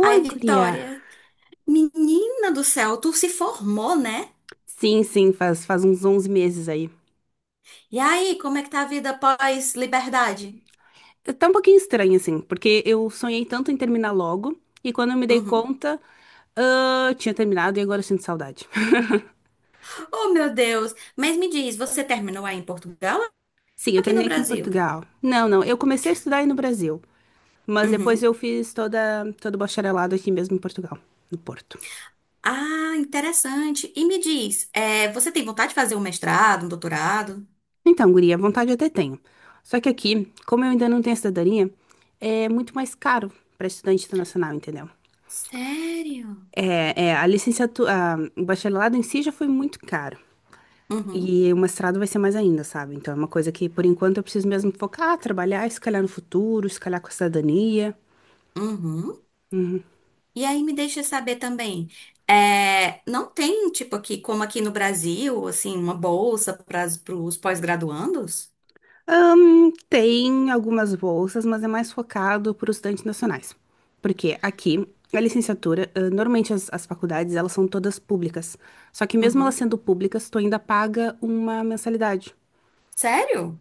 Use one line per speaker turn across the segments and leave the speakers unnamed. Oi, guria.
Vitória, menina do céu, tu se formou, né?
Sim, sim, faz, faz uns 11 meses aí.
E aí, como é que tá a vida pós-liberdade?
Tá um pouquinho estranho, assim, porque eu sonhei tanto em terminar logo, e quando eu me dei
Uhum.
conta, ah, tinha terminado e agora eu sinto saudade.
Oh, meu Deus. Mas me diz, você terminou aí em Portugal ou
Sim, eu
aqui no
terminei aqui em
Brasil?
Portugal. Não, não, eu comecei a estudar aí no Brasil, mas depois
Uhum.
eu fiz todo o bacharelado aqui mesmo em Portugal, no Porto.
Ah, interessante. E me diz, é, você tem vontade de fazer um mestrado, um doutorado?
Então, guria, vontade eu até tenho. Só que aqui, como eu ainda não tenho cidadania, é muito mais caro para estudante internacional, entendeu?
Sério?
É, é, a licenciatura, o bacharelado em si já foi muito caro.
Uhum.
E o mestrado vai ser mais ainda, sabe? Então é uma coisa que, por enquanto, eu preciso mesmo focar, trabalhar, e se calhar no futuro, se calhar com a cidadania.
Uhum. E aí me deixa saber também, é, não tem, tipo, aqui, como aqui no Brasil, assim, uma bolsa para os pós-graduandos?
Tem algumas bolsas, mas é mais focado para os estudantes nacionais. Porque aqui, a licenciatura, ah, normalmente as faculdades, elas são todas públicas. Só que mesmo elas
Uhum.
sendo públicas, tu ainda paga uma mensalidade.
Sério?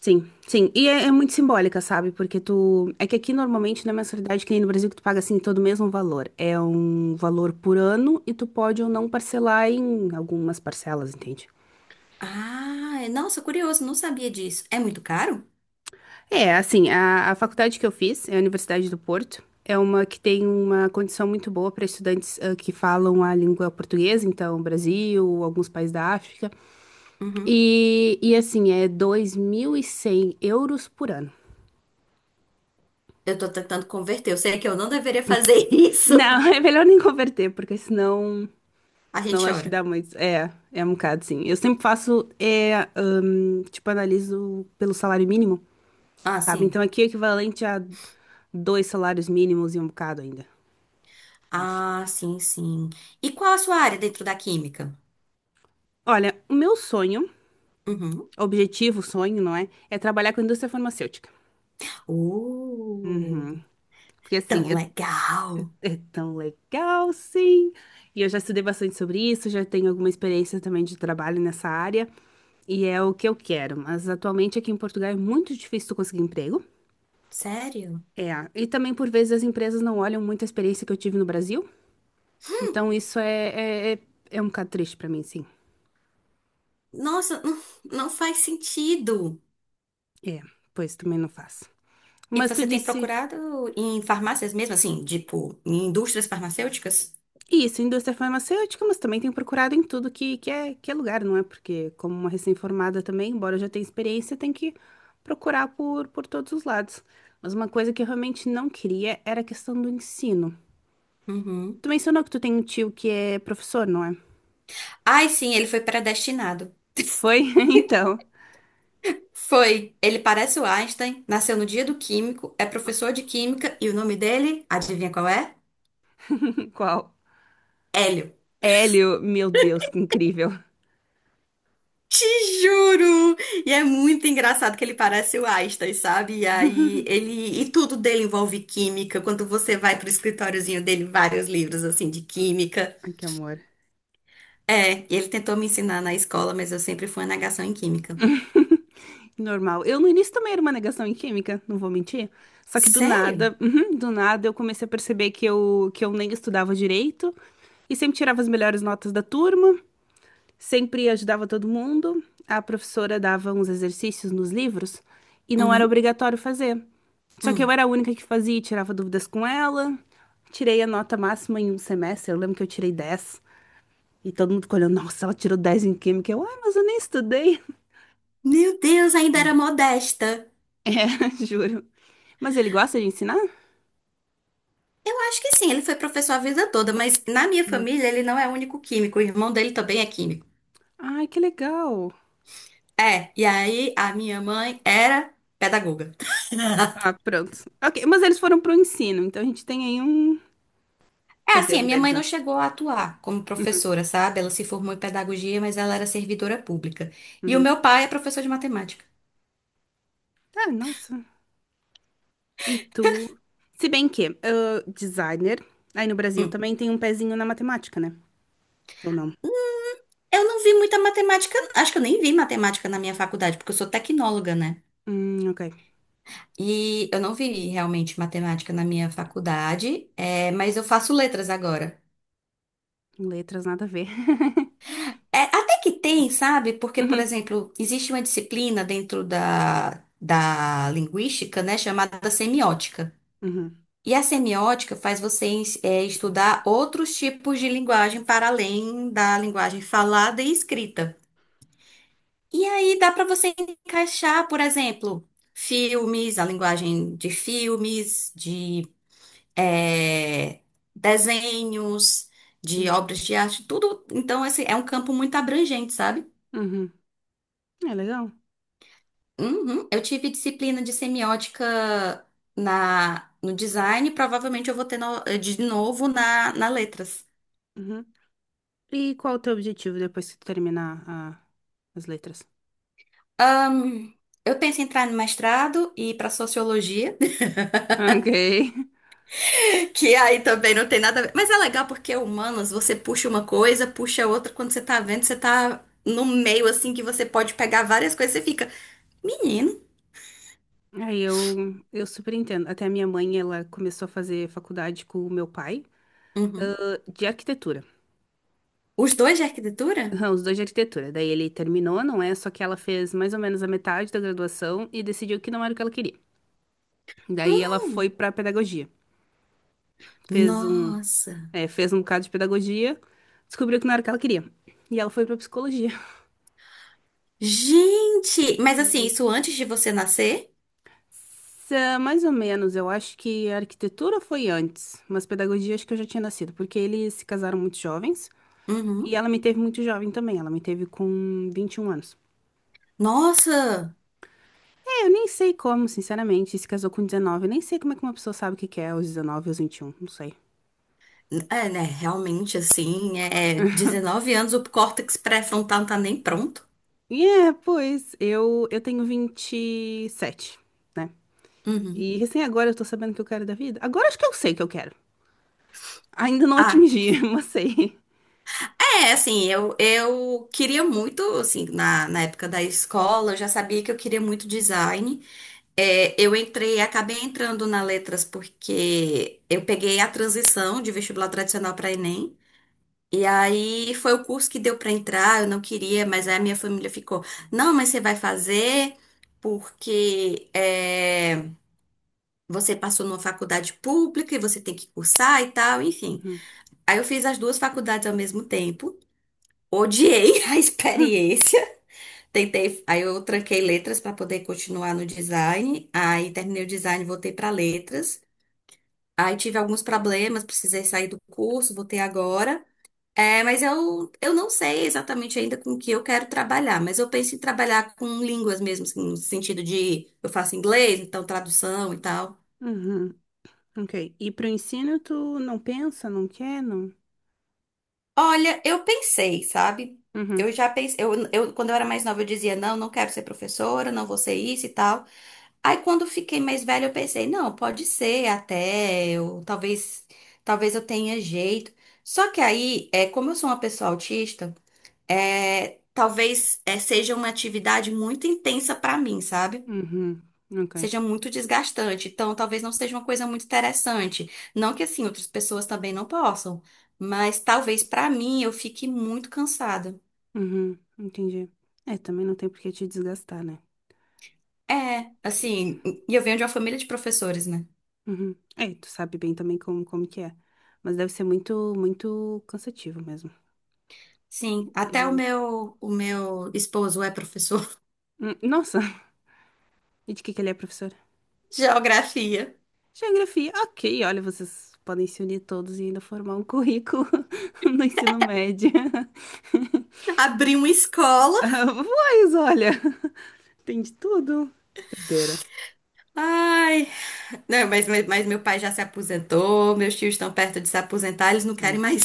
Sim, sim. E é, é muito simbólica, sabe? Porque tu. É que aqui normalmente não é mensalidade que nem no Brasil que tu paga assim todo o mesmo valor. É um valor por ano e tu pode ou não parcelar em algumas parcelas, entende?
Ah, nossa, curioso, não sabia disso. É muito caro?
É, assim, a faculdade que eu fiz é a Universidade do Porto. É uma que tem uma condição muito boa para estudantes ah, que falam a língua portuguesa, então Brasil, alguns países da África.
Uhum.
E assim, é 2100 euros por ano.
Eu tô tentando converter. Eu sei que eu não deveria fazer isso.
Não, é melhor nem converter, porque senão.
A gente
Senão acho que
chora.
dá muito. É, é um bocado, sim. Eu sempre faço, é, tipo, analiso pelo salário mínimo,
Ah,
sabe?
sim.
Então aqui é equivalente a dois salários mínimos e um bocado ainda, acho.
Ah, sim, sim. E qual a sua área dentro da química?
Olha, o meu sonho,
Uhum.
objetivo, sonho, não é? É trabalhar com a indústria farmacêutica.
Uh,
Uhum. Porque assim,
Tão
é,
legal.
é tão legal, sim. E eu já estudei bastante sobre isso, já tenho alguma experiência também de trabalho nessa área. E é o que eu quero. Mas atualmente aqui em Portugal é muito difícil tu conseguir emprego.
Sério?
É, e também por vezes as empresas não olham muito a experiência que eu tive no Brasil, então isso é é um bocado triste pra mim, sim.
Nossa, não, não faz sentido.
É, pois também não faço.
E
Mas tu
você tem
disse
procurado em farmácias mesmo, assim, tipo, em indústrias farmacêuticas?
isso, indústria farmacêutica, mas também tenho procurado em tudo que, que é lugar, não é? Porque como uma recém-formada também, embora eu já tenha experiência, tem que procurar por todos os lados. Mas uma coisa que eu realmente não queria era a questão do ensino.
Uhum.
Tu mencionou que tu tem um tio que é professor, não é?
Ai, sim, ele foi predestinado.
Foi? Então,
Foi. Ele parece o Einstein, nasceu no dia do químico, é professor de química e o nome dele, adivinha qual é?
qual?
Hélio.
Hélio, meu Deus, que incrível.
Te juro! E é muito engraçado que ele parece o Einstein, sabe? E aí ele e tudo dele envolve química. Quando você vai pro escritóriozinho dele, vários livros assim de química.
Ai, que amor.
É, e ele tentou me ensinar na escola, mas eu sempre fui uma negação em química.
Normal. Eu no início também era uma negação em química, não vou mentir. Só que do
Sério?
nada, uhum, do nada eu comecei a perceber que eu nem estudava direito e sempre tirava as melhores notas da turma, sempre ajudava todo mundo. A professora dava uns exercícios nos livros e não era
Uhum.
obrigatório fazer. Só que eu
Hum.
era a única que fazia e tirava dúvidas com ela. Tirei a nota máxima em um semestre, eu lembro que eu tirei dez. E todo mundo ficou olhando, nossa, ela tirou 10 em química. Eu, ah, mas eu nem estudei.
Meu Deus, ainda era modesta.
É, juro. Mas ele gosta de ensinar?
Eu acho que sim, ele foi professor a vida toda, mas na minha família ele não é o único químico, o irmão dele também é químico.
Ai, que legal.
É, e aí a minha mãe era pedagoga.
Ah, pronto. Ok, mas eles foram pro ensino, então a gente tem aí um.
É
Quer dizer,
assim, a
um
minha
deles,
mãe não
né?
chegou a atuar como professora, sabe? Ela se formou em pedagogia, mas ela era servidora pública. E o
Uhum.
meu pai é professor de matemática.
Tá, nossa. E tu? Se bem que, ah, designer, aí no Brasil
Hum.
também tem um pezinho na matemática, né? Ou não?
Eu não vi muita matemática, acho que eu nem vi matemática na minha faculdade, porque eu sou tecnóloga, né?
Ok.
E eu não vi realmente matemática na minha faculdade, é, mas eu faço letras agora.
Letras, nada a ver.
É, até que tem, sabe? Porque, por
Uhum,
exemplo, existe uma disciplina dentro da linguística, né, chamada semiótica.
uhum,
E a semiótica faz você estudar outros tipos de linguagem para além da linguagem falada e escrita. E aí dá para você encaixar, por exemplo, filmes, a linguagem de filmes, de é, desenhos, de
uhum.
obras de arte, tudo. Então, esse é um campo muito abrangente, sabe?
Uhum. É legal.
Uhum. Eu tive disciplina de semiótica na, no design, provavelmente eu vou ter no- de novo na letras.
Uhum. E qual o teu objetivo depois que tu terminar a- as letras?
Ahn, eu penso em entrar no mestrado e ir para sociologia,
Ok.
que aí também não tem nada a ver. Mas é legal porque é humanas, você puxa uma coisa, puxa outra, quando você tá vendo, você tá no meio assim que você pode pegar várias coisas, você fica, menino.
Aí eu super entendo. Até a minha mãe, ela começou a fazer faculdade com o meu pai,
Uhum.
ah, de arquitetura.
Os dois de arquitetura?
Aham, os dois de arquitetura. Daí ele terminou, não é? Só que ela fez mais ou menos a metade da graduação e decidiu que não era o que ela queria. Daí ela
Hum,
foi pra pedagogia. Fez um,
nossa.
é, fez um bocado de pedagogia, descobriu que não era o que ela queria. E ela foi pra psicologia.
Gente, mas assim, isso antes de você nascer?
Sa- Mais ou menos, eu acho que a arquitetura foi antes, mas pedagogia acho que eu já tinha nascido, porque eles se casaram muito jovens. E
Uhum.
ela me teve muito jovem também, ela me teve com 21 anos.
Nossa!
É, eu nem sei como, sinceramente, se casou com 19, eu nem sei como é que uma pessoa sabe o que que é aos 19, aos 21. Não sei.
É, né? Realmente, assim, é 19 anos, o córtex pré-frontal não tá nem pronto.
E é, pois, eu tenho 27, né?
Uhum.
E recém agora eu tô sabendo o que eu quero da vida. Agora acho que eu sei o que eu quero. Ainda não
Ah,
atingi, mas sei.
é, assim, eu, queria muito, assim, na época da escola, eu já sabia que eu queria muito design. É, eu entrei, acabei entrando na letras porque eu peguei a transição de vestibular tradicional para Enem. E aí foi o curso que deu para entrar, eu não queria, mas aí a minha família ficou, não, mas você vai fazer porque é, você passou numa faculdade pública e você tem que cursar e tal, enfim.
Uhum.
Aí eu fiz as duas faculdades ao mesmo tempo, odiei a
Hum.
experiência, tentei, aí eu tranquei letras para poder continuar no design, aí terminei o design, voltei para letras. Aí tive alguns problemas, precisei sair do curso, voltei agora. É, mas eu, não sei exatamente ainda com o que eu quero trabalhar, mas eu penso em trabalhar com línguas mesmo, assim, no sentido de eu faço inglês, então tradução e tal.
Uhum. Ok. E pro ensino tu não pensa, não quer, não?
Olha, eu pensei, sabe?
Uhum.
Eu já pensei, quando eu era mais nova eu dizia, não, não quero ser professora, não vou ser isso e tal. Aí quando eu fiquei mais velha eu pensei, não, pode ser até, eu, talvez, talvez eu tenha jeito. Só que aí, é, como eu sou uma pessoa autista, é, talvez seja uma atividade muito intensa para mim, sabe?
Uhum. Ok.
Seja muito desgastante. Então, talvez não seja uma coisa muito interessante. Não que assim outras pessoas também não possam, mas talvez para mim eu fique muito cansada.
Uhum. Entendi. É, também não tem por que te desgastar, né?
É, assim, e eu venho de uma família de professores, né?
Uhum. É, tu sabe bem também como, como que é. Mas deve ser muito, muito cansativo mesmo.
Sim, até o
E-
meu, o meu esposo é professor
Nossa, e de que ele é professor?
de geografia.
Geografia. Ok, olha, vocês podem se unir todos e ainda formar um currículo no ensino médio.
Abri uma escola.
Ah, pois, olha, tem de tudo. Doideira.
Ai, não, mas meu pai já se aposentou, meus tios estão perto de se aposentar, eles não querem mais.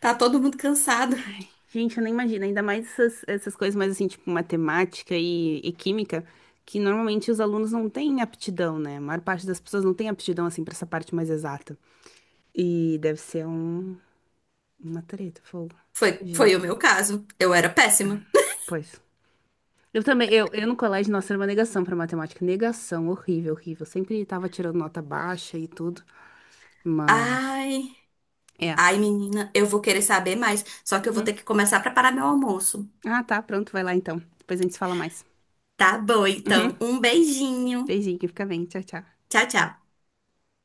Tá todo mundo cansado.
Gente, eu nem imagino, ainda mais essas, essas coisas mais assim, tipo matemática e química, que normalmente os alunos não têm aptidão, né? A maior parte das pessoas não tem aptidão assim para essa parte mais exata. E deve ser um, uma treta, fogo.
Foi
Imagina.
o meu caso. Eu era péssima.
Pois. Eu também, eu no colégio, nossa, era uma negação pra matemática. Negação, horrível, horrível. Sempre tava tirando nota baixa e tudo. Mas.
Ai,
É.
ai, menina, eu vou querer saber mais. Só que eu vou ter
Uhum.
que começar a preparar meu almoço.
Ah, tá, pronto, vai lá então. Depois a gente se fala mais.
Tá bom, então.
Uhum.
Um beijinho.
Beijinho, fica bem. Tchau, tchau.
Tchau, tchau.